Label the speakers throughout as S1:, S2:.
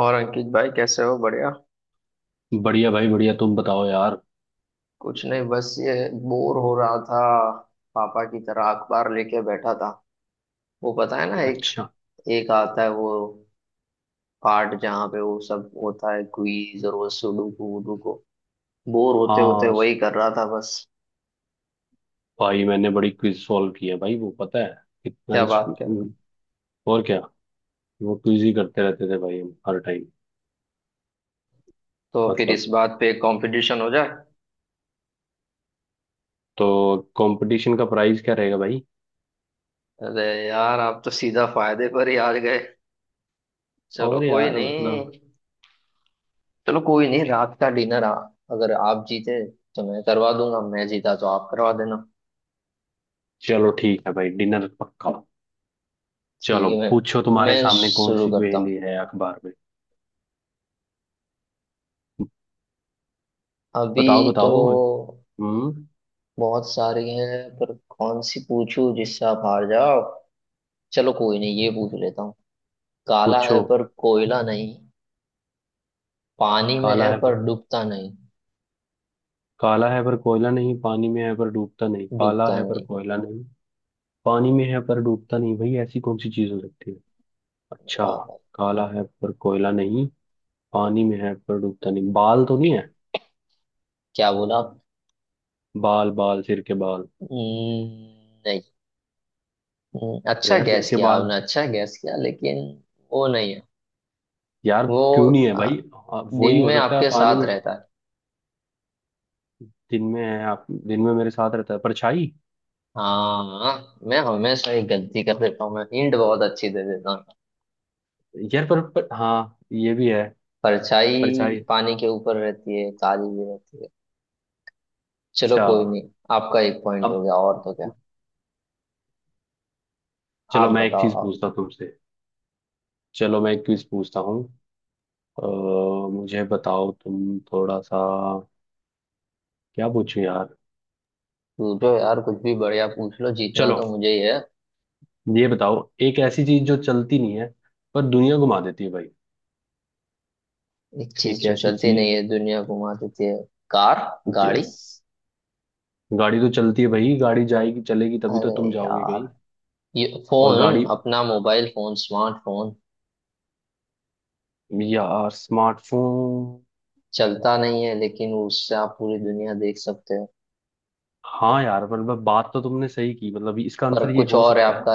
S1: और अंकित भाई कैसे हो। बढ़िया।
S2: बढ़िया भाई बढ़िया। तुम बताओ यार।
S1: कुछ नहीं बस ये बोर हो रहा था। पापा की तरह अखबार लेके बैठा था। वो पता है ना एक
S2: अच्छा।
S1: एक आता है वो पार्ट जहाँ पे वो सब होता है क्विज और वो सुडोकू वुडोकू। बोर होते होते
S2: हाँ।
S1: वही कर रहा था बस।
S2: भाई मैंने बड़ी क्विज सॉल्व की है भाई, वो पता है कितना
S1: क्या
S2: ही।
S1: बात कर रहा हूँ।
S2: और क्या। वो क्विज ही करते रहते थे भाई हम हर टाइम।
S1: तो फिर
S2: मतलब।
S1: इस बात पे कंपटीशन हो जाए।
S2: तो कंपटीशन का प्राइस क्या रहेगा भाई?
S1: अरे यार आप तो सीधा फायदे पर ही आ गए। चलो
S2: और
S1: कोई
S2: यार मतलब।
S1: नहीं चलो कोई नहीं, रात का डिनर। आ अगर आप जीते तो मैं करवा दूंगा, मैं जीता तो आप करवा देना।
S2: चलो ठीक है भाई, डिनर पक्का।
S1: ठीक
S2: चलो
S1: है
S2: पूछो,
S1: मैम।
S2: तुम्हारे
S1: मैं
S2: सामने कौन
S1: शुरू
S2: सी
S1: करता हूँ
S2: पहेली है अखबार में?
S1: अभी।
S2: बताओ
S1: तो
S2: बताओ। हम्म।
S1: बहुत सारी हैं पर कौन सी पूछूं जिससे आप हार जाओ। चलो कोई नहीं, ये पूछ लेता हूँ। काला
S2: पूछो।
S1: है पर कोयला नहीं, पानी में
S2: काला
S1: है
S2: है
S1: पर
S2: पर
S1: डूबता नहीं।
S2: काला है पर कोयला नहीं, पानी में है पर डूबता नहीं। काला
S1: डूबता
S2: है पर
S1: नहीं।
S2: कोयला नहीं, पानी में है पर डूबता नहीं भाई, ऐसी कौन सी चीज हो सकती है? अच्छा।
S1: बताओ भाई।
S2: काला है पर कोयला नहीं, पानी में है पर डूबता नहीं, बाल तो नहीं है?
S1: क्या बोला आप।
S2: बाल, बाल, सिर के बाल।
S1: नहीं।
S2: अरे
S1: अच्छा,
S2: यार सिर
S1: गैस
S2: के
S1: किया
S2: बाल।
S1: आपने, अच्छा गैस किया, लेकिन वो नहीं है।
S2: यार।
S1: वो
S2: क्यों नहीं है
S1: आ,
S2: भाई? वही
S1: दिन
S2: हो
S1: में
S2: सकता है
S1: आपके
S2: पानी
S1: साथ
S2: में।
S1: रहता है।
S2: दिन में है आप, दिन में मेरे साथ रहता है, परछाई।
S1: हाँ मैं हमेशा ही गलती कर देता हूँ, मैं हिंट बहुत अच्छी दे देता हूँ।
S2: यार पर हाँ ये भी है।
S1: परछाई
S2: परछाई।
S1: पानी के ऊपर रहती है, काली भी रहती है। चलो
S2: अच्छा।
S1: कोई नहीं, आपका एक पॉइंट हो
S2: अब।
S1: गया। और तो क्या। आप
S2: चलो मैं एक
S1: बताओ
S2: चीज
S1: आप।
S2: पूछता हूँ तुमसे। चलो मैं एक चीज पूछता हूँ। अ, मुझे बताओ तुम थोड़ा सा। क्या पूछूं यार?
S1: पूछो यार कुछ भी, बढ़िया पूछ लो, जीतना
S2: चलो।
S1: तो मुझे ही है।
S2: ये बताओ, एक ऐसी चीज जो चलती नहीं है पर दुनिया घुमा देती है भाई।
S1: एक
S2: एक
S1: चीज जो
S2: ऐसी
S1: चलती नहीं
S2: चीज।
S1: है दुनिया घुमा देती है। कार। गाड़ी।
S2: जस गाड़ी तो चलती है भाई, गाड़ी जाएगी चलेगी तभी तो तुम
S1: अरे
S2: जाओगे
S1: यार,
S2: कहीं।
S1: ये
S2: और
S1: फोन
S2: गाड़ी।
S1: अपना मोबाइल फोन स्मार्टफोन,
S2: यार स्मार्टफोन।
S1: चलता नहीं है लेकिन उससे आप पूरी दुनिया देख सकते हो।
S2: हाँ यार, मतलब बात तो तुमने सही की, मतलब इसका आंसर
S1: पर
S2: ये
S1: कुछ
S2: हो
S1: और है
S2: सकता है।
S1: आपका,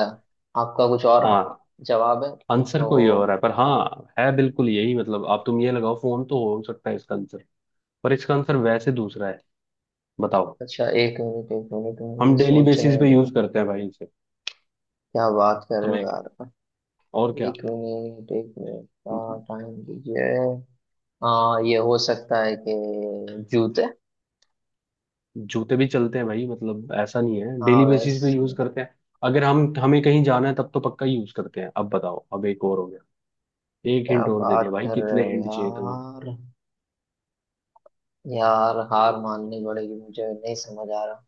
S1: आपका कुछ और
S2: हाँ।
S1: जवाब है।
S2: आंसर कोई और
S1: तो
S2: है पर हाँ है बिल्कुल यही, मतलब आप तुम ये लगाओ फोन तो हो सकता है इसका आंसर। पर इसका आंसर वैसे दूसरा है। बताओ।
S1: अच्छा, एक मिनट
S2: हम
S1: मुझे
S2: डेली बेसिस
S1: सोचने
S2: पे
S1: दो।
S2: यूज करते हैं भाई इसे।
S1: क्या बात कर रहे हो
S2: तुम्हें।
S1: यार।
S2: और क्या।
S1: एक मिनट का टाइम दीजिए। हाँ ये हो सकता है कि जूते।
S2: जूते भी चलते हैं भाई, मतलब ऐसा नहीं है,
S1: हाँ
S2: डेली बेसिस पे
S1: बस।
S2: यूज करते हैं। अगर हम हमें कहीं जाना है तब तो पक्का यूज करते हैं। अब बताओ, अब एक और हो गया। एक
S1: क्या
S2: हिंट और दे दिया
S1: बात
S2: भाई,
S1: कर रहे
S2: कितने
S1: हो
S2: हिंट चाहिए तुम्हें?
S1: यार। यार हार माननी पड़ेगी, मुझे नहीं समझ आ रहा।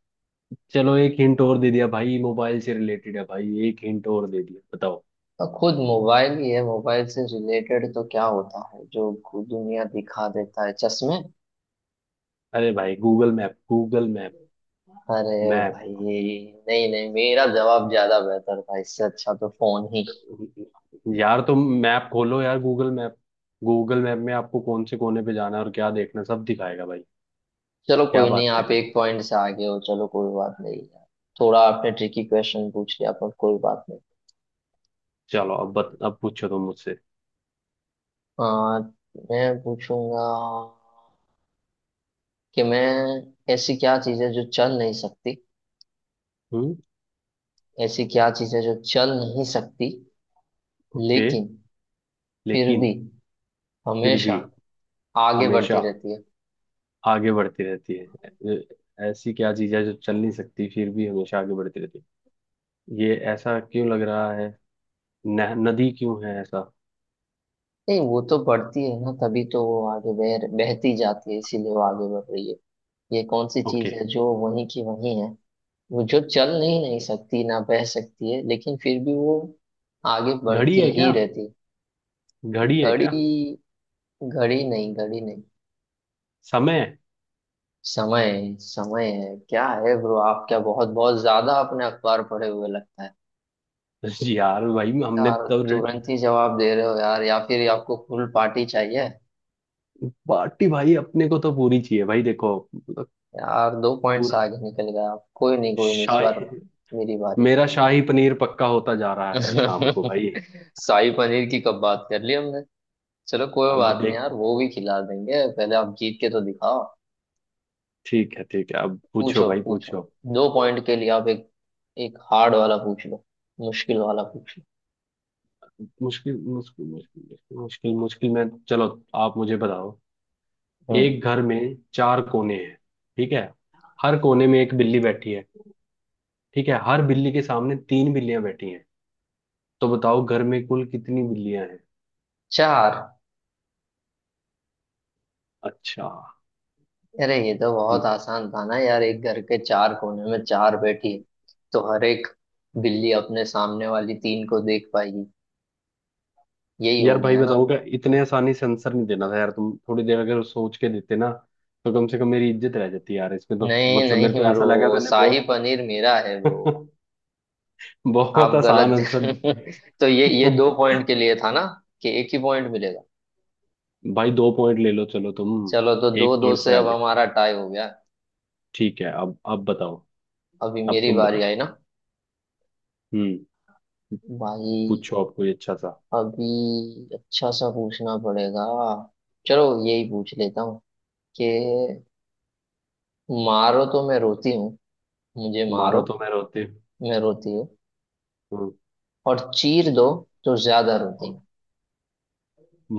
S2: चलो एक हिंट और दे दिया भाई, मोबाइल से रिलेटेड है भाई, एक हिंट और दे दिया, बताओ।
S1: हाँ, खुद मोबाइल ही है। मोबाइल से रिलेटेड तो क्या होता है जो खुद दुनिया दिखा देता है, चश्मे।
S2: अरे भाई गूगल मैप, गूगल मैप।
S1: अरे
S2: मैप।
S1: भाई, नहीं नहीं, मेरा जवाब ज्यादा बेहतर था, इससे अच्छा तो फोन ही।
S2: यार तुम मैप खोलो यार, गूगल मैप। गूगल मैप में आपको कौन से कोने पे जाना है और क्या देखना है, सब दिखाएगा भाई।
S1: चलो
S2: क्या
S1: कोई नहीं,
S2: बात कर
S1: आप
S2: रहे हैं।
S1: एक पॉइंट से आगे हो। चलो कोई बात नहीं यार। थोड़ा आपने ट्रिकी क्वेश्चन पूछ लिया, पर कोई बात नहीं।
S2: चलो अब पूछो तुम मुझसे।
S1: आ, मैं पूछूंगा कि मैं, ऐसी क्या चीज़ है जो चल नहीं सकती।
S2: हम्म।
S1: ऐसी क्या चीज़ है जो चल नहीं सकती,
S2: ओके।
S1: लेकिन फिर भी
S2: लेकिन फिर
S1: हमेशा
S2: भी
S1: आगे बढ़ती
S2: हमेशा
S1: रहती है।
S2: आगे बढ़ती रहती है। ए- ऐसी क्या चीज है जो चल नहीं सकती फिर भी हमेशा आगे बढ़ती रहती है? ये ऐसा क्यों लग रहा है? न, नदी क्यों है ऐसा?
S1: नहीं, वो तो बढ़ती है ना, तभी तो वो आगे बह बहती जाती है, इसीलिए वो आगे बढ़ रही है। ये कौन सी
S2: ओके।
S1: चीज़ है जो वहीं की वहीं है। वो जो चल नहीं नहीं सकती, ना बह सकती है, लेकिन फिर भी वो आगे
S2: घड़ी
S1: बढ़ती
S2: है
S1: ही
S2: क्या?
S1: रहती।
S2: घड़ी है क्या?
S1: घड़ी। घड़ी नहीं, घड़ी नहीं।
S2: समय है?
S1: समय है, समय है क्या है ब्रो। आप क्या बहुत बहुत ज्यादा अपने अखबार पढ़े हुए लगता है।
S2: जी यार भाई, हमने
S1: यार
S2: तो
S1: तुरंत ही जवाब दे रहे हो यार, या फिर आपको फुल पार्टी चाहिए।
S2: पार्टी भाई, अपने को तो पूरी चाहिए भाई, देखो मतलब।
S1: यार दो पॉइंट्स
S2: पूरा।
S1: आगे निकल गए आप। कोई नहीं कोई नहीं, इस बार
S2: शाही।
S1: मेरी बारी।
S2: मेरा शाही पनीर पक्का होता जा रहा है शाम को भाई।
S1: शाही पनीर की कब बात कर ली हमने। चलो कोई
S2: अब
S1: बात नहीं
S2: देख।
S1: यार, वो भी खिला देंगे, पहले आप जीत के तो दिखाओ।
S2: ठीक है ठीक है, अब पूछो
S1: पूछो
S2: भाई,
S1: पूछो।
S2: पूछो।
S1: दो पॉइंट के लिए आप एक एक हार्ड वाला पूछ लो, मुश्किल वाला पूछ लो।
S2: मुश्किल मुश्किल मुश्किल मुश्किल मुश्किल मुश्किल में चलो। आप मुझे बताओ।
S1: हम्म।
S2: एक घर में चार कोने हैं। ठीक है। हर कोने में एक बिल्ली बैठी है। ठीक है, हर बिल्ली के सामने तीन बिल्लियां बैठी हैं। तो बताओ घर में कुल कितनी बिल्लियां हैं?
S1: चार।
S2: अच्छा।
S1: अरे ये तो बहुत
S2: हम्म।
S1: आसान था ना यार। एक घर के चार कोने में चार बैठी है, तो हर एक बिल्ली अपने सामने वाली तीन को देख पाएगी। यही
S2: यार
S1: हो
S2: भाई
S1: गया ना।
S2: बताऊं क्या, इतने आसानी से आंसर नहीं देना था यार, तुम थोड़ी देर अगर सोच के देते ना। तो कम से कम मेरी इज्जत रह जाती यार, इसमें तो।
S1: नहीं
S2: मतलब मेरे को
S1: नहीं
S2: ऐसा
S1: ब्रो,
S2: लगा मैंने
S1: शाही
S2: बहुत
S1: पनीर मेरा है ब्रो।
S2: बहुत
S1: आप
S2: आसान
S1: गलत।
S2: आंसर।
S1: तो ये दो पॉइंट के लिए था ना, कि एक ही पॉइंट मिलेगा।
S2: भाई दो पॉइंट ले लो, चलो तुम।
S1: चलो, तो दो
S2: एक
S1: दो
S2: पॉइंट
S1: से
S2: से
S1: अब
S2: आगे।
S1: हमारा टाई हो गया।
S2: ठीक है, अब बताओ।
S1: अभी
S2: अब
S1: मेरी
S2: तुम
S1: बारी
S2: बताओ।
S1: आई ना
S2: हम्म।
S1: भाई।
S2: पूछो आप कोई अच्छा सा।
S1: अभी अच्छा सा पूछना पड़ेगा। चलो यही पूछ लेता हूँ कि मारो तो मैं रोती हूँ। मुझे मारो,
S2: मारो तो मैं रोती
S1: मैं रोती हूँ,
S2: हूँ,
S1: और चीर दो तो ज्यादा रोती
S2: और।
S1: हूँ।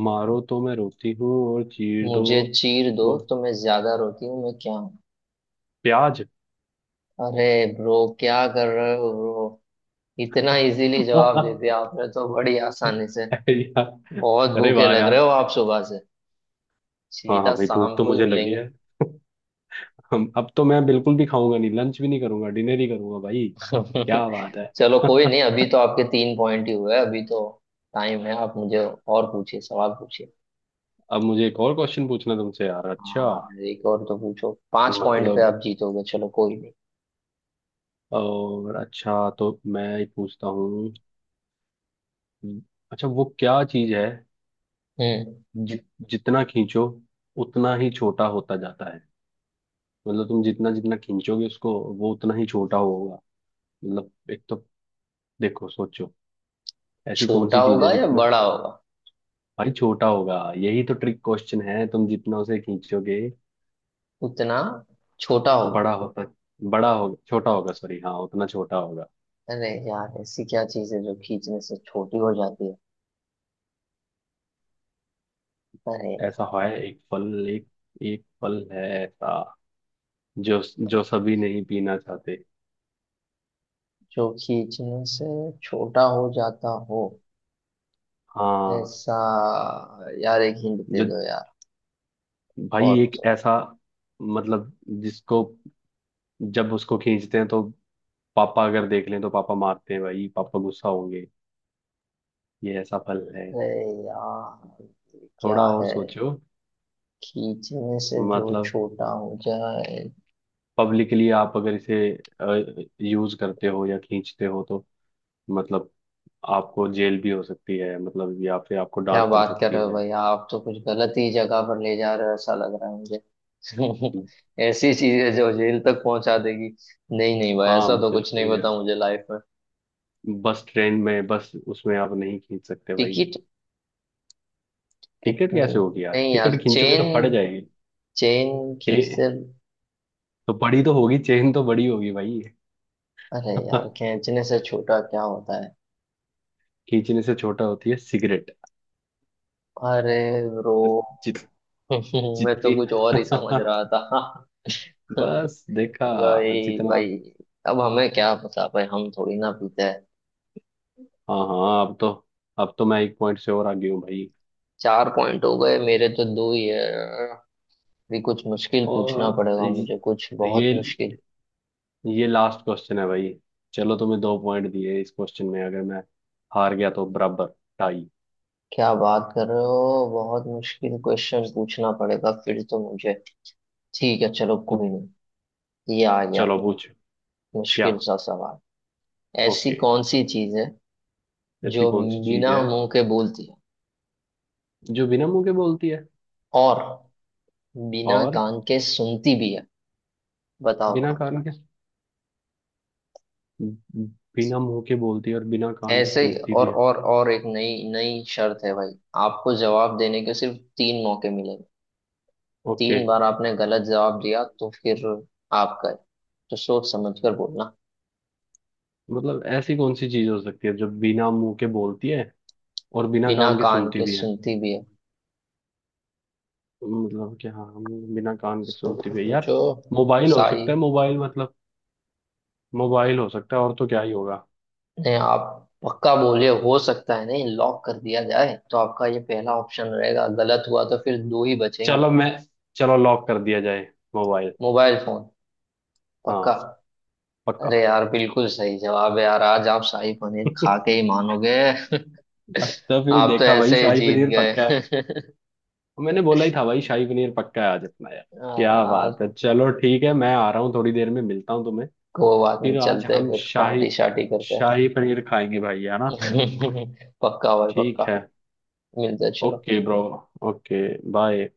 S2: मारो तो मैं रोती हूँ और चीर दो
S1: मुझे चीर दो
S2: तो।
S1: तो मैं ज्यादा रोती हूँ। मैं क्या हूँ।
S2: प्याज।
S1: अरे ब्रो, क्या कर रहे हो ब्रो। इतना इजीली जवाब दे दिया आपने, तो बड़ी आसानी से।
S2: यार।
S1: बहुत
S2: अरे
S1: भूखे
S2: वाह
S1: लग रहे
S2: यार।
S1: हो आप सुबह से।
S2: हाँ हाँ
S1: सीधा
S2: भाई, भूख
S1: शाम
S2: तो
S1: को ही
S2: मुझे लगी
S1: मिलेंगे।
S2: है। हम अब तो मैं बिल्कुल भी खाऊंगा नहीं, लंच भी नहीं करूंगा, डिनर ही करूंगा भाई। क्या बात है।
S1: चलो कोई नहीं, अभी तो आपके तीन पॉइंट ही हुए, अभी तो टाइम है। आप मुझे और पूछिए, सवाल पूछिए।
S2: अब मुझे एक और क्वेश्चन पूछना तुमसे यार, अच्छा।
S1: हाँ एक और तो पूछो, पांच पॉइंट पे
S2: मतलब।
S1: आप जीतोगे। चलो कोई नहीं।
S2: और अच्छा तो मैं ही पूछता हूँ। हम्म, अच्छा, वो क्या चीज है?
S1: हम्म।
S2: जि, जितना खींचो उतना ही छोटा होता जाता है। मतलब तुम जितना जितना खींचोगे उसको, वो उतना ही छोटा होगा। मतलब एक तो, देखो सोचो, ऐसी कौन
S1: छोटा
S2: सी चीज है
S1: होगा या
S2: जितना।
S1: बड़ा होगा।
S2: भाई छोटा होगा, यही तो ट्रिक क्वेश्चन है, तुम जितना उसे खींचोगे।
S1: उतना छोटा होगा।
S2: बड़ा होता, बड़ा होगा, छोटा होगा, सॉरी हाँ, उतना छोटा होगा।
S1: अरे यार, ऐसी क्या चीज है जो खींचने से छोटी हो जाती है। अरे
S2: ऐसा
S1: यार,
S2: है एक फल एक, एक फल है ऐसा, जो, जो सभी नहीं पीना चाहते।
S1: जो खींचने से छोटा हो जाता हो
S2: हाँ।
S1: ऐसा। यार एक हिंट दे
S2: जो,
S1: दो यार।
S2: भाई
S1: बहुत।
S2: एक ऐसा, मतलब, जिसको, जब उसको खींचते हैं तो पापा अगर देख लें तो पापा मारते हैं भाई, पापा गुस्सा होंगे। ये ऐसा फल है।
S1: अरे यार
S2: थोड़ा
S1: क्या
S2: और
S1: है।
S2: सोचो।
S1: खींचने से जो
S2: मतलब
S1: छोटा हो जाए।
S2: पब्लिकली आप अगर इसे यूज करते हो या खींचते हो तो, मतलब आपको जेल भी हो सकती है, मतलब या फिर आपको
S1: क्या
S2: डांट पड़
S1: बात कर
S2: सकती
S1: रहे हो
S2: है।
S1: भाई, आप तो कुछ गलत ही जगह पर ले जा रहे हो, ऐसा लग रहा है मुझे। ऐसी चीजें जो जेल तक पहुंचा देगी। नहीं नहीं भाई,
S2: हाँ
S1: ऐसा तो कुछ नहीं
S2: बिल्कुल यार।
S1: पता मुझे लाइफ में।
S2: बस ट्रेन में, बस उसमें आप नहीं खींच सकते भाई।
S1: टिकट।
S2: टिकट
S1: कितनी।
S2: कैसे होगी यार,
S1: नहीं यार,
S2: टिकट खींचोगे तो फट
S1: चेन।
S2: जाएगी।
S1: चेन
S2: चे
S1: खींचते।
S2: तो बड़ी तो होगी, चेन तो बड़ी होगी भाई।
S1: अरे यार, खींचने से छोटा क्या होता है।
S2: खींचने से छोटा होती है सिगरेट।
S1: अरे ब्रो।
S2: जित
S1: मैं तो
S2: जितनी
S1: कुछ और ही समझ रहा था।
S2: बस देखा,
S1: भाई
S2: जितना आप।
S1: भाई। अब हमें क्या पता भाई, हम थोड़ी ना पीते हैं।
S2: हाँ हाँ, अब तो, अब तो मैं एक पॉइंट से और आगे हूँ भाई।
S1: चार पॉइंट हो गए, मेरे तो दो ही है। भी कुछ मुश्किल पूछना
S2: और
S1: पड़ेगा मुझे, कुछ बहुत
S2: ये
S1: मुश्किल।
S2: ये लास्ट क्वेश्चन है भाई। चलो तुम्हें दो पॉइंट दिए इस क्वेश्चन में, अगर मैं हार गया तो बराबर, टाई।
S1: क्या बात कर रहे हो, बहुत मुश्किल क्वेश्चन पूछना पड़ेगा फिर तो मुझे। ठीक है चलो कोई नहीं, ये आ गया
S2: चलो पूछ। क्या।
S1: मुश्किल सा सवाल। ऐसी
S2: ओके।
S1: कौन सी चीज है
S2: ऐसी
S1: जो
S2: कौन सी चीज
S1: बिना
S2: है
S1: मुंह के बोलती है
S2: जो बिना मुंह के बोलती है
S1: और बिना
S2: और
S1: कान के सुनती भी है। बताओ।
S2: बिना कान के, बिना मुंह के बोलती है और बिना कान के
S1: ऐसे ही,
S2: सुनती भी है?
S1: और एक नई नई शर्त है भाई। आपको जवाब देने के सिर्फ तीन मौके मिलेंगे।
S2: ओके।
S1: तीन बार आपने गलत जवाब दिया तो फिर आपका है। तो सोच समझ कर बोलना।
S2: मतलब ऐसी कौन सी चीज हो सकती है जो बिना मुंह के बोलती है और बिना
S1: बिना
S2: कान के
S1: कान
S2: सुनती
S1: के
S2: भी है?
S1: सुनती भी है।
S2: मतलब क्या, हाँ, बिना कान के सुनती
S1: सोचो
S2: भी है यार।
S1: सोचो।
S2: मोबाइल हो
S1: साई
S2: सकता है, मोबाइल, मतलब मोबाइल हो सकता है, और तो क्या ही होगा।
S1: ने आप पक्का बोले हो सकता है, नहीं लॉक कर दिया जाए तो आपका ये पहला ऑप्शन रहेगा, गलत हुआ तो फिर दो ही बचेंगे।
S2: चलो मैं, चलो लॉक कर दिया जाए, मोबाइल।
S1: मोबाइल फोन,
S2: हाँ,
S1: पक्का।
S2: पक्का।
S1: अरे यार बिल्कुल सही जवाब है यार। आज आप शाही पनीर खा के ही मानोगे।
S2: तो फिर
S1: आप तो
S2: देखा भाई,
S1: ऐसे ही
S2: शाही
S1: जीत
S2: पनीर पक्का है।
S1: गए।
S2: तो मैंने बोला ही था भाई, शाही पनीर पक्का है आज अपना यार।
S1: हाँ
S2: क्या
S1: यार।
S2: बात है, चलो ठीक है, मैं आ रहा हूँ थोड़ी देर में, मिलता हूँ तुम्हें।
S1: कोई बात नहीं,
S2: फिर आज
S1: चलते हैं
S2: हम
S1: फिर
S2: शाही,
S1: पार्टी शार्टी करते हैं।
S2: शाही पनीर खाएंगे भाई, है ना?
S1: पक्का भाई
S2: ठीक
S1: पक्का।
S2: है।
S1: मिलते हैं, चलो।
S2: Okay bro. ओके। बाय।